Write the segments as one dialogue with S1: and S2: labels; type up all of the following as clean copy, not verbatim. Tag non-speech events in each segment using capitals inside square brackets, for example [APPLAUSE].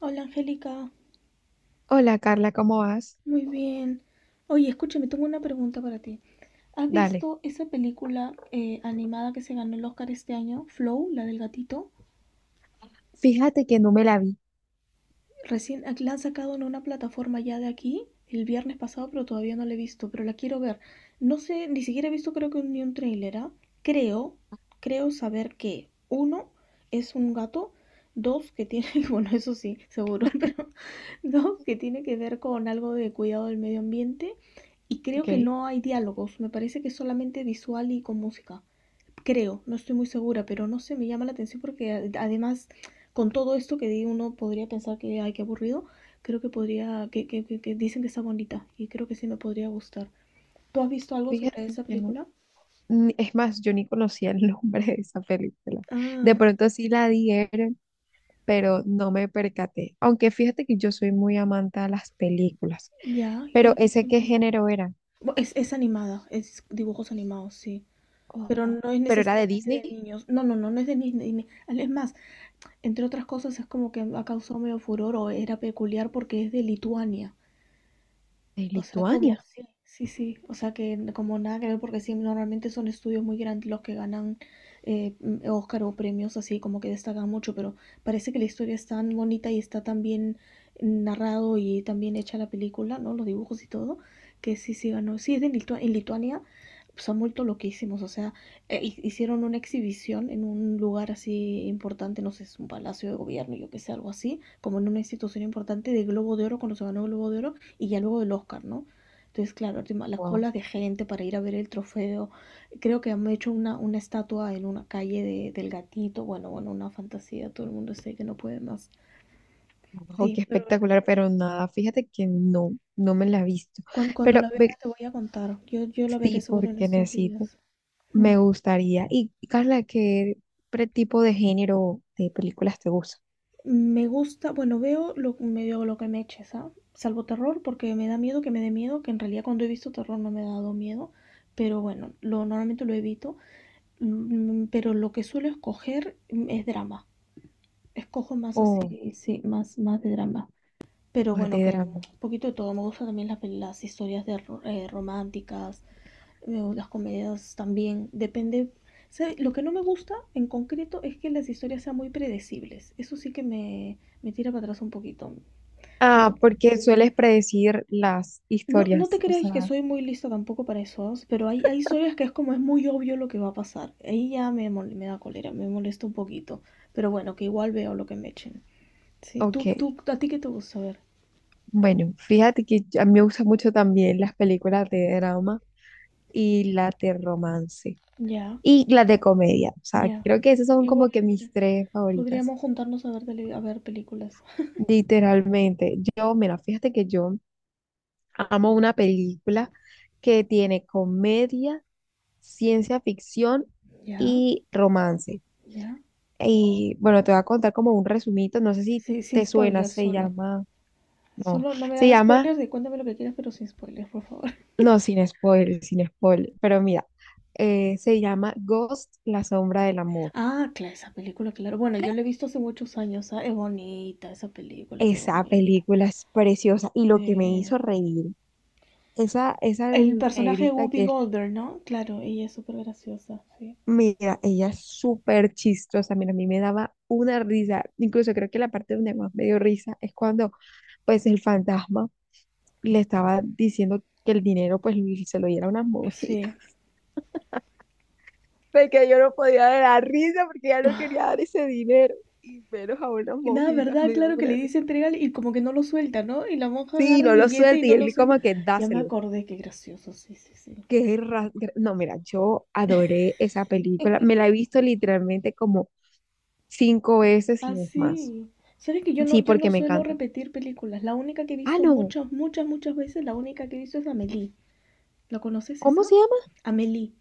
S1: Hola Angélica,
S2: Hola Carla, ¿cómo vas?
S1: muy bien. Oye, escúchame, tengo una pregunta para ti. ¿Has
S2: Dale.
S1: visto esa película animada que se ganó el Oscar este año, Flow, la del gatito?
S2: Fíjate que no me la vi.
S1: Recién la han sacado en una plataforma ya de aquí el viernes pasado, pero todavía no la he visto, pero la quiero ver. No sé, ni siquiera he visto creo que ni un tráiler, ¿ah? Creo, creo saber que uno es un gato, dos que tiene, [LAUGHS] bueno, eso sí, seguro, [LAUGHS] pero dos que tiene que ver con algo de cuidado del medio ambiente y creo
S2: Ok,
S1: que no hay diálogos, me parece que es solamente visual y con música creo, no estoy muy segura, pero no sé, me llama la atención porque además con todo esto que di uno podría pensar que, ay, qué aburrido, creo que podría, que dicen que está bonita y creo que sí me podría gustar. ¿Tú has visto algo sobre
S2: fíjate
S1: esa
S2: que no.
S1: película?
S2: Es más, yo ni conocía el [LAUGHS] nombre de esa película. De
S1: Ah,
S2: pronto sí la dieron, pero no me percaté. Aunque fíjate que yo soy muy amante a las películas.
S1: ya, ya
S2: Pero
S1: has visto
S2: ¿ese qué
S1: últimamente.
S2: género era?
S1: Es animada, es dibujos animados, sí.
S2: Oh,
S1: Pero
S2: oh.
S1: no es
S2: ¿Pero era de
S1: necesariamente de
S2: Disney?
S1: niños. No, no, no, no es de niños. Es más, entre otras cosas, es como que ha causado medio furor o era peculiar porque es de Lituania.
S2: De
S1: O sea, como
S2: Lituania.
S1: sí, sí, sí. O sea, que como nada que ver, porque sí, normalmente son estudios muy grandes los que ganan Oscar o premios así, como que destacan mucho, pero parece que la historia es tan bonita y está tan bien narrado y tan bien hecha la película, ¿no? Los dibujos y todo, que sí, sí ganó. Sí, es de en Lituania, pues han vuelto loquísimos. O sea, hicieron una exhibición en un lugar así importante, no sé, es un palacio de gobierno, yo que sé, algo así, como en una institución importante de Globo de Oro, cuando se ganó el Globo de Oro y ya luego del Oscar, ¿no? Entonces, claro, encima las
S2: Wow,
S1: colas de gente para ir a ver el trofeo. Creo que han hecho una estatua en una calle del gatito. Bueno, bueno, una fantasía. Todo el mundo sé que no puede más.
S2: wow,
S1: Sí,
S2: qué
S1: pero,
S2: espectacular,
S1: pero
S2: pero nada, fíjate que no, no me la he visto.
S1: cuan- cuando, la
S2: Pero
S1: vea
S2: ve-
S1: te voy a contar. Yo la veré
S2: sí,
S1: seguro en
S2: porque
S1: estos
S2: necesito.
S1: días. Mm.
S2: Me gustaría. Y Carla, ¿qué tipo de género de películas te gusta?
S1: Me gusta, bueno, veo medio lo que me eches, ¿ah? Salvo terror, porque me da miedo que me dé miedo, que en realidad cuando he visto terror no me ha dado miedo, pero bueno, lo, normalmente lo evito. Pero lo que suelo escoger es drama. Escojo más
S2: O
S1: así, sí, más de drama. Pero
S2: más
S1: bueno,
S2: de
S1: que
S2: drama.
S1: un poquito de todo. Me gustan también las historias de románticas, las comedias también. Depende. ¿Sabe? Lo que no me gusta en concreto es que las historias sean muy predecibles. Eso sí que me tira para atrás un poquito.
S2: Ah,
S1: Pero
S2: ¿porque sueles predecir las
S1: no, no te
S2: historias? O
S1: creas que
S2: sea,
S1: soy muy lista tampoco para eso, pero hay historias que es como es muy obvio lo que va a pasar. Ahí ya me da cólera, me molesta un poquito. Pero bueno, que igual veo lo que me echen. Sí,
S2: ok.
S1: tú, ¿a ti qué te gusta ver?
S2: Bueno, fíjate que a mí me gustan mucho también las películas de drama y las de romance.
S1: Ya,
S2: Y las de comedia. O sea,
S1: ya.
S2: creo que esas son
S1: Igual,
S2: como que mis
S1: mira,
S2: tres favoritas.
S1: podríamos juntarnos a ver, a ver películas.
S2: Literalmente. Yo, mira, fíjate que yo amo una película que tiene comedia. Ciencia ficción
S1: Ya,
S2: y romance.
S1: ya.
S2: Y bueno, te voy a contar como un resumito, no sé si
S1: Sí, sin
S2: te suena,
S1: spoilers solo.
S2: no,
S1: Solo no me
S2: se
S1: hagas
S2: llama,
S1: spoilers y cuéntame lo que quieras, pero sin spoilers, por favor. [LAUGHS]
S2: no, sin spoiler, sin spoiler, pero mira, se llama Ghost, la sombra del amor.
S1: Ah, claro, esa película, claro. Bueno, yo la he visto hace muchos años. Es bonita esa película, qué
S2: Esa
S1: bonita.
S2: película es preciosa y lo que me
S1: Sí.
S2: hizo reír, esa
S1: El personaje de
S2: negrita
S1: Whoopi
S2: que es,
S1: Goldberg, ¿no? Claro, ella es súper graciosa, sí.
S2: mira, ella es súper chistosa, mira, a mí me daba una risa, incluso creo que la parte donde más me dio risa es cuando pues el fantasma le estaba diciendo que el dinero pues se lo diera a unas monjitas,
S1: Sí.
S2: [LAUGHS] porque yo no podía dar la risa porque ya no quería dar ese dinero, y menos a unas
S1: Y nada,
S2: monjitas,
S1: ¿verdad?
S2: me dio
S1: Claro que le
S2: una
S1: dice
S2: risa.
S1: entregar y como que no lo suelta, ¿no? Y la monja
S2: Sí,
S1: agarra el
S2: no lo
S1: billete y
S2: suelta, y
S1: no lo
S2: él
S1: suelta.
S2: como que
S1: Ya me
S2: dáselo.
S1: acordé, qué gracioso, sí, sí, sí.
S2: Qué Que no, mira, yo adoré esa película, me la he visto literalmente como cinco veces y
S1: Ah,
S2: no es más.
S1: sí. Sabes que yo no,
S2: Sí,
S1: yo
S2: porque
S1: no
S2: me
S1: suelo
S2: encanta.
S1: repetir películas. La única que he
S2: Ah,
S1: visto
S2: no,
S1: muchas, muchas, muchas veces, la única que he visto es Amélie. ¿La conoces
S2: ¿cómo
S1: esa?
S2: se llama?
S1: Amélie.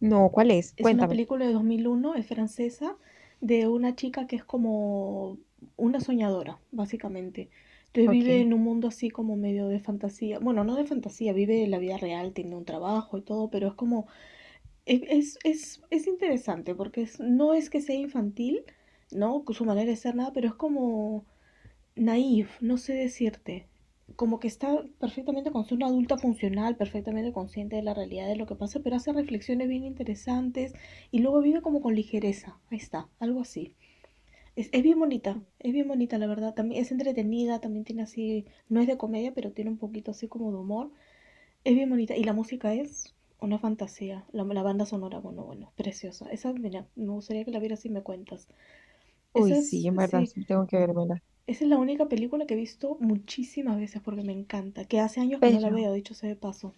S2: No, ¿cuál es?
S1: Es una
S2: Cuéntame.
S1: película de 2001 es francesa, de una chica que es como una soñadora, básicamente. Entonces
S2: Ok.
S1: vive en un mundo así como medio de fantasía. Bueno, no de fantasía, vive la vida real, tiene un trabajo y todo, pero es como... Es interesante porque no es que sea infantil, ¿no? Con su manera de ser nada, pero es como naif, no sé decirte. Como que está perfectamente con ser una adulta funcional, perfectamente consciente de la realidad de lo que pasa, pero hace reflexiones bien interesantes y luego vive como con ligereza. Ahí está, algo así. Es bien bonita, es bien bonita, la verdad. También es entretenida, también tiene así, no es de comedia, pero tiene un poquito así como de humor. Es bien bonita. Y la música es una fantasía. La banda sonora, bueno, bueno, preciosa. Esa, mira, me gustaría que la vieras y me cuentas.
S2: Uy,
S1: Esa
S2: sí,
S1: es,
S2: en verdad,
S1: sí,
S2: sí, tengo que vérmela.
S1: esa es la única película que he visto muchísimas veces porque me encanta, que hace años que no la
S2: Pero
S1: veo, dicho sea de paso.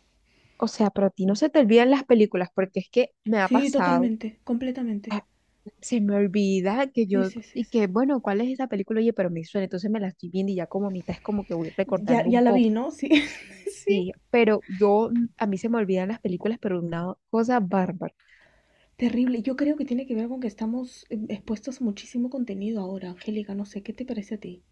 S2: o sea, pero a ti no se te olvidan las películas, porque es que me ha
S1: Sí,
S2: pasado,
S1: totalmente, completamente.
S2: se me olvida que
S1: Sí,
S2: yo,
S1: sí, sí,
S2: y
S1: sí.
S2: que bueno, ¿cuál es esa película? Oye, pero me suena, entonces me la estoy viendo y ya como a mitad es como que voy
S1: Ya,
S2: recordando
S1: ya
S2: un
S1: la
S2: poco.
S1: vi, ¿no? Sí, [LAUGHS] sí.
S2: Sí, pero yo, a mí se me olvidan las películas, pero una cosa bárbara.
S1: Terrible. Yo creo que tiene que ver con que estamos expuestos a muchísimo contenido ahora, Angélica. No sé, ¿qué te parece a ti?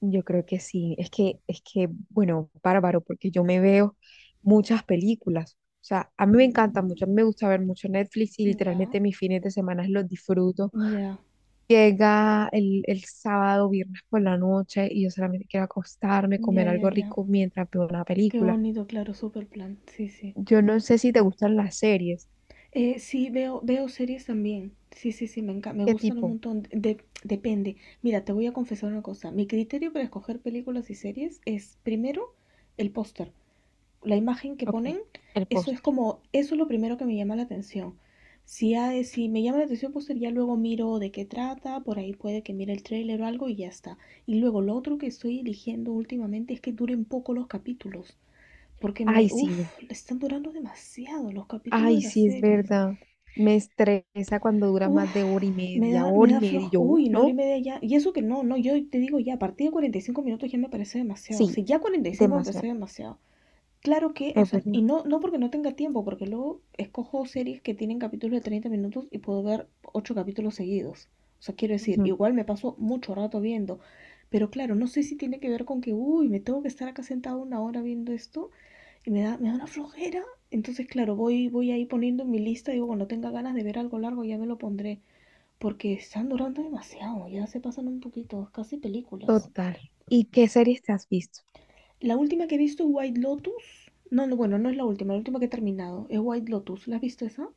S2: Yo creo que sí, bueno, bárbaro, porque yo me veo muchas películas. O sea, a mí me encanta
S1: Mm,
S2: mucho, a mí me gusta ver mucho Netflix y
S1: ya,
S2: literalmente mis fines de semana los disfruto.
S1: ya,
S2: Llega el sábado, viernes por la noche y yo solamente quiero acostarme,
S1: ya,
S2: comer
S1: ya,
S2: algo
S1: ya.
S2: rico mientras veo una
S1: Qué
S2: película.
S1: bonito, claro, super plan. Sí, sí.
S2: Yo no sé si te gustan las series.
S1: Sí, veo series también. Sí, sí, sí, me encanta, me
S2: ¿Qué
S1: gustan un
S2: tipo?
S1: montón. Depende. Mira, te voy a confesar una cosa. Mi criterio para escoger películas y series es, primero, el póster. La imagen que
S2: Ok,
S1: ponen,
S2: el
S1: eso es
S2: póster.
S1: como, eso es lo primero que me llama la atención. Si me llama la atención el póster, ya luego miro de qué trata, por ahí puede que mire el tráiler o algo y ya está. Y luego lo otro que estoy eligiendo últimamente es que duren poco los capítulos, porque
S2: Ay,
S1: uff,
S2: sí,
S1: están durando demasiado los capítulos de
S2: ay,
S1: las
S2: sí, es
S1: series.
S2: verdad. Me estresa cuando dura
S1: Uf,
S2: más de
S1: me da, me
S2: hora y
S1: da
S2: media, y
S1: floja.
S2: yo,
S1: Uy, una hora y
S2: ¿no?
S1: media ya. Y eso que no, no, yo te digo ya, a partir de 45 minutos ya me parece demasiado. O
S2: Sí,
S1: sea, ya 45 me parece
S2: demasiado,
S1: demasiado. Claro que, o
S2: es
S1: sea, y
S2: verdad.
S1: no, no porque no tenga tiempo, porque luego escojo series que tienen capítulos de 30 minutos y puedo ver 8 capítulos seguidos. O sea, quiero decir,
S2: Ujú.
S1: igual me paso mucho rato viendo. Pero claro, no sé si tiene que ver con que, uy, me tengo que estar acá sentado una hora viendo esto y me da una flojera. Entonces, claro, voy ahí poniendo en mi lista, digo, cuando tenga ganas de ver algo largo ya me lo pondré porque están durando demasiado, ya se pasan un poquito, casi películas.
S2: Total. ¿Y qué series te has visto?
S1: La última que he visto es White Lotus. No, no, bueno, no es la última que he terminado es White Lotus. ¿La has visto esa?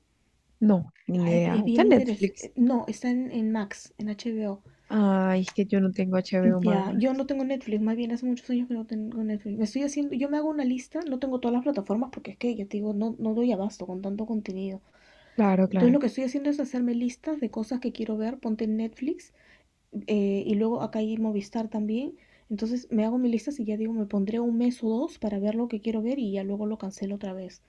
S2: No, ni
S1: Ah,
S2: idea.
S1: es
S2: ¿Está
S1: bien
S2: en Netflix?
S1: interesante. No, está en Max, en HBO.
S2: Ay, es que yo no tengo HBO
S1: Ya, yo
S2: Max.
S1: no tengo Netflix, más bien hace muchos años que no tengo Netflix. Me estoy haciendo, yo me hago una lista, no tengo todas las plataformas porque es que, ya te digo, no, no doy abasto con tanto contenido.
S2: Claro,
S1: Entonces
S2: claro.
S1: lo que estoy haciendo es hacerme listas de cosas que quiero ver, ponte en Netflix y luego acá hay Movistar también. Entonces me hago mis listas y ya digo, me pondré un mes o dos para ver lo que quiero ver y ya luego lo cancelo otra vez.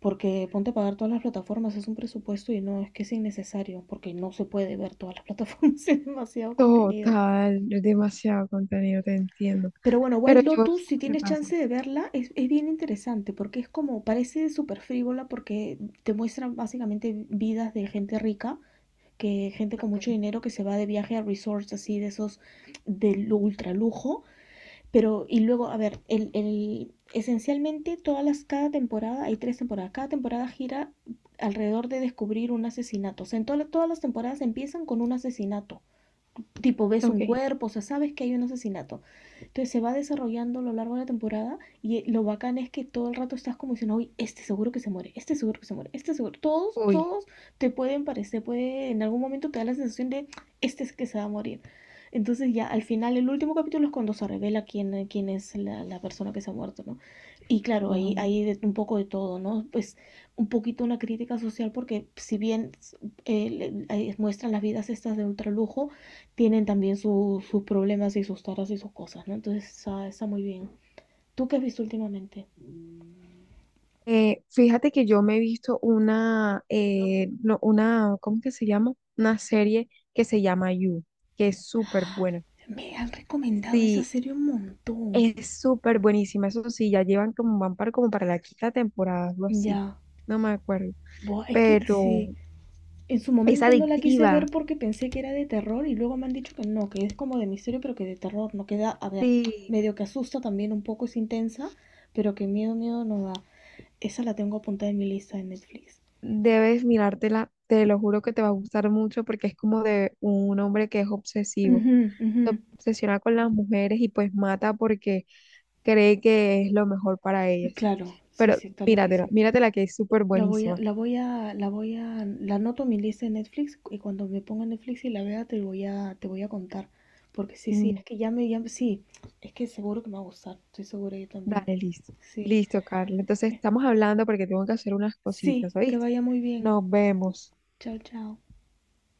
S1: Porque ponte a pagar todas las plataformas, es un presupuesto y no, es que es innecesario, porque no se puede ver todas las [LAUGHS] plataformas, es demasiado contenido.
S2: Total, no, es demasiado contenido, te entiendo.
S1: Pero bueno,
S2: Pero
S1: White
S2: yo, ¿sabes
S1: Lotus, si
S2: qué me
S1: tienes
S2: pasa?
S1: chance de verla, es bien interesante, porque es como, parece súper frívola, porque te muestra básicamente vidas de gente rica, que gente con
S2: Ok,
S1: mucho dinero que se va de viaje a resorts así de esos del ultra lujo. Pero, y luego, a ver, esencialmente todas las, cada temporada, hay tres temporadas, cada temporada gira alrededor de descubrir un asesinato. O sea, en todas las temporadas empiezan con un asesinato tipo ves
S2: ok.
S1: un cuerpo, o sea, sabes que hay un asesinato. Entonces se va desarrollando a lo largo de la temporada y lo bacán es que todo el rato estás como diciendo, uy, este seguro que se muere, este seguro que se muere, este seguro. Todos,
S2: Uy,
S1: todos te pueden parecer, puede, en algún momento te da la sensación de, este es que se va a morir. Entonces ya al final, el último capítulo es cuando se revela quién, quién es la persona que se ha muerto, ¿no? Y claro, ahí
S2: oh.
S1: hay un poco de todo, ¿no? Pues un poquito una crítica social porque si bien ahí muestran las vidas estas de ultralujo, tienen también su, sus problemas y sus taras y sus cosas, ¿no? Entonces está, está muy bien. ¿Tú qué has visto últimamente?
S2: Fíjate que yo me he visto una, no, una, ¿cómo que se llama? Una serie que se llama You, que es súper buena.
S1: Me han recomendado esa
S2: Sí,
S1: serie un montón.
S2: es súper buenísima. Eso sí, ya llevan como, van para, como para la quinta temporada, algo así.
S1: Ya,
S2: No me acuerdo.
S1: buah, es que
S2: Pero
S1: sí, en su
S2: es
S1: momento no la quise ver
S2: adictiva.
S1: porque pensé que era de terror y luego me han dicho que no, que es como de misterio pero que de terror no queda, a ver,
S2: Sí.
S1: medio que asusta también un poco, es intensa, pero que miedo, miedo no da. Esa la tengo apuntada en mi lista de Netflix.
S2: Debes mirártela, te lo juro que te va a gustar mucho porque es como de un hombre que es obsesivo.
S1: Ujú, ujú.
S2: Se obsesiona con las mujeres y pues mata porque cree que es lo mejor para ellas.
S1: Claro, sí,
S2: Pero
S1: sí, está lo que
S2: míratela,
S1: dicen.
S2: míratela que es súper buenísima.
S1: La anoto en mi lista de Netflix y cuando me ponga en Netflix y la vea te voy a contar. Porque sí, sí,
S2: Mm.
S1: es que ya, sí, es que seguro que me va a gustar, estoy segura yo también.
S2: Dale, listo.
S1: Sí,
S2: Listo, Carla. Entonces
S1: eh,
S2: estamos hablando porque tengo que hacer unas cositas,
S1: sí, que
S2: ¿oíste?
S1: vaya muy bien.
S2: Nos vemos.
S1: Chao, chao.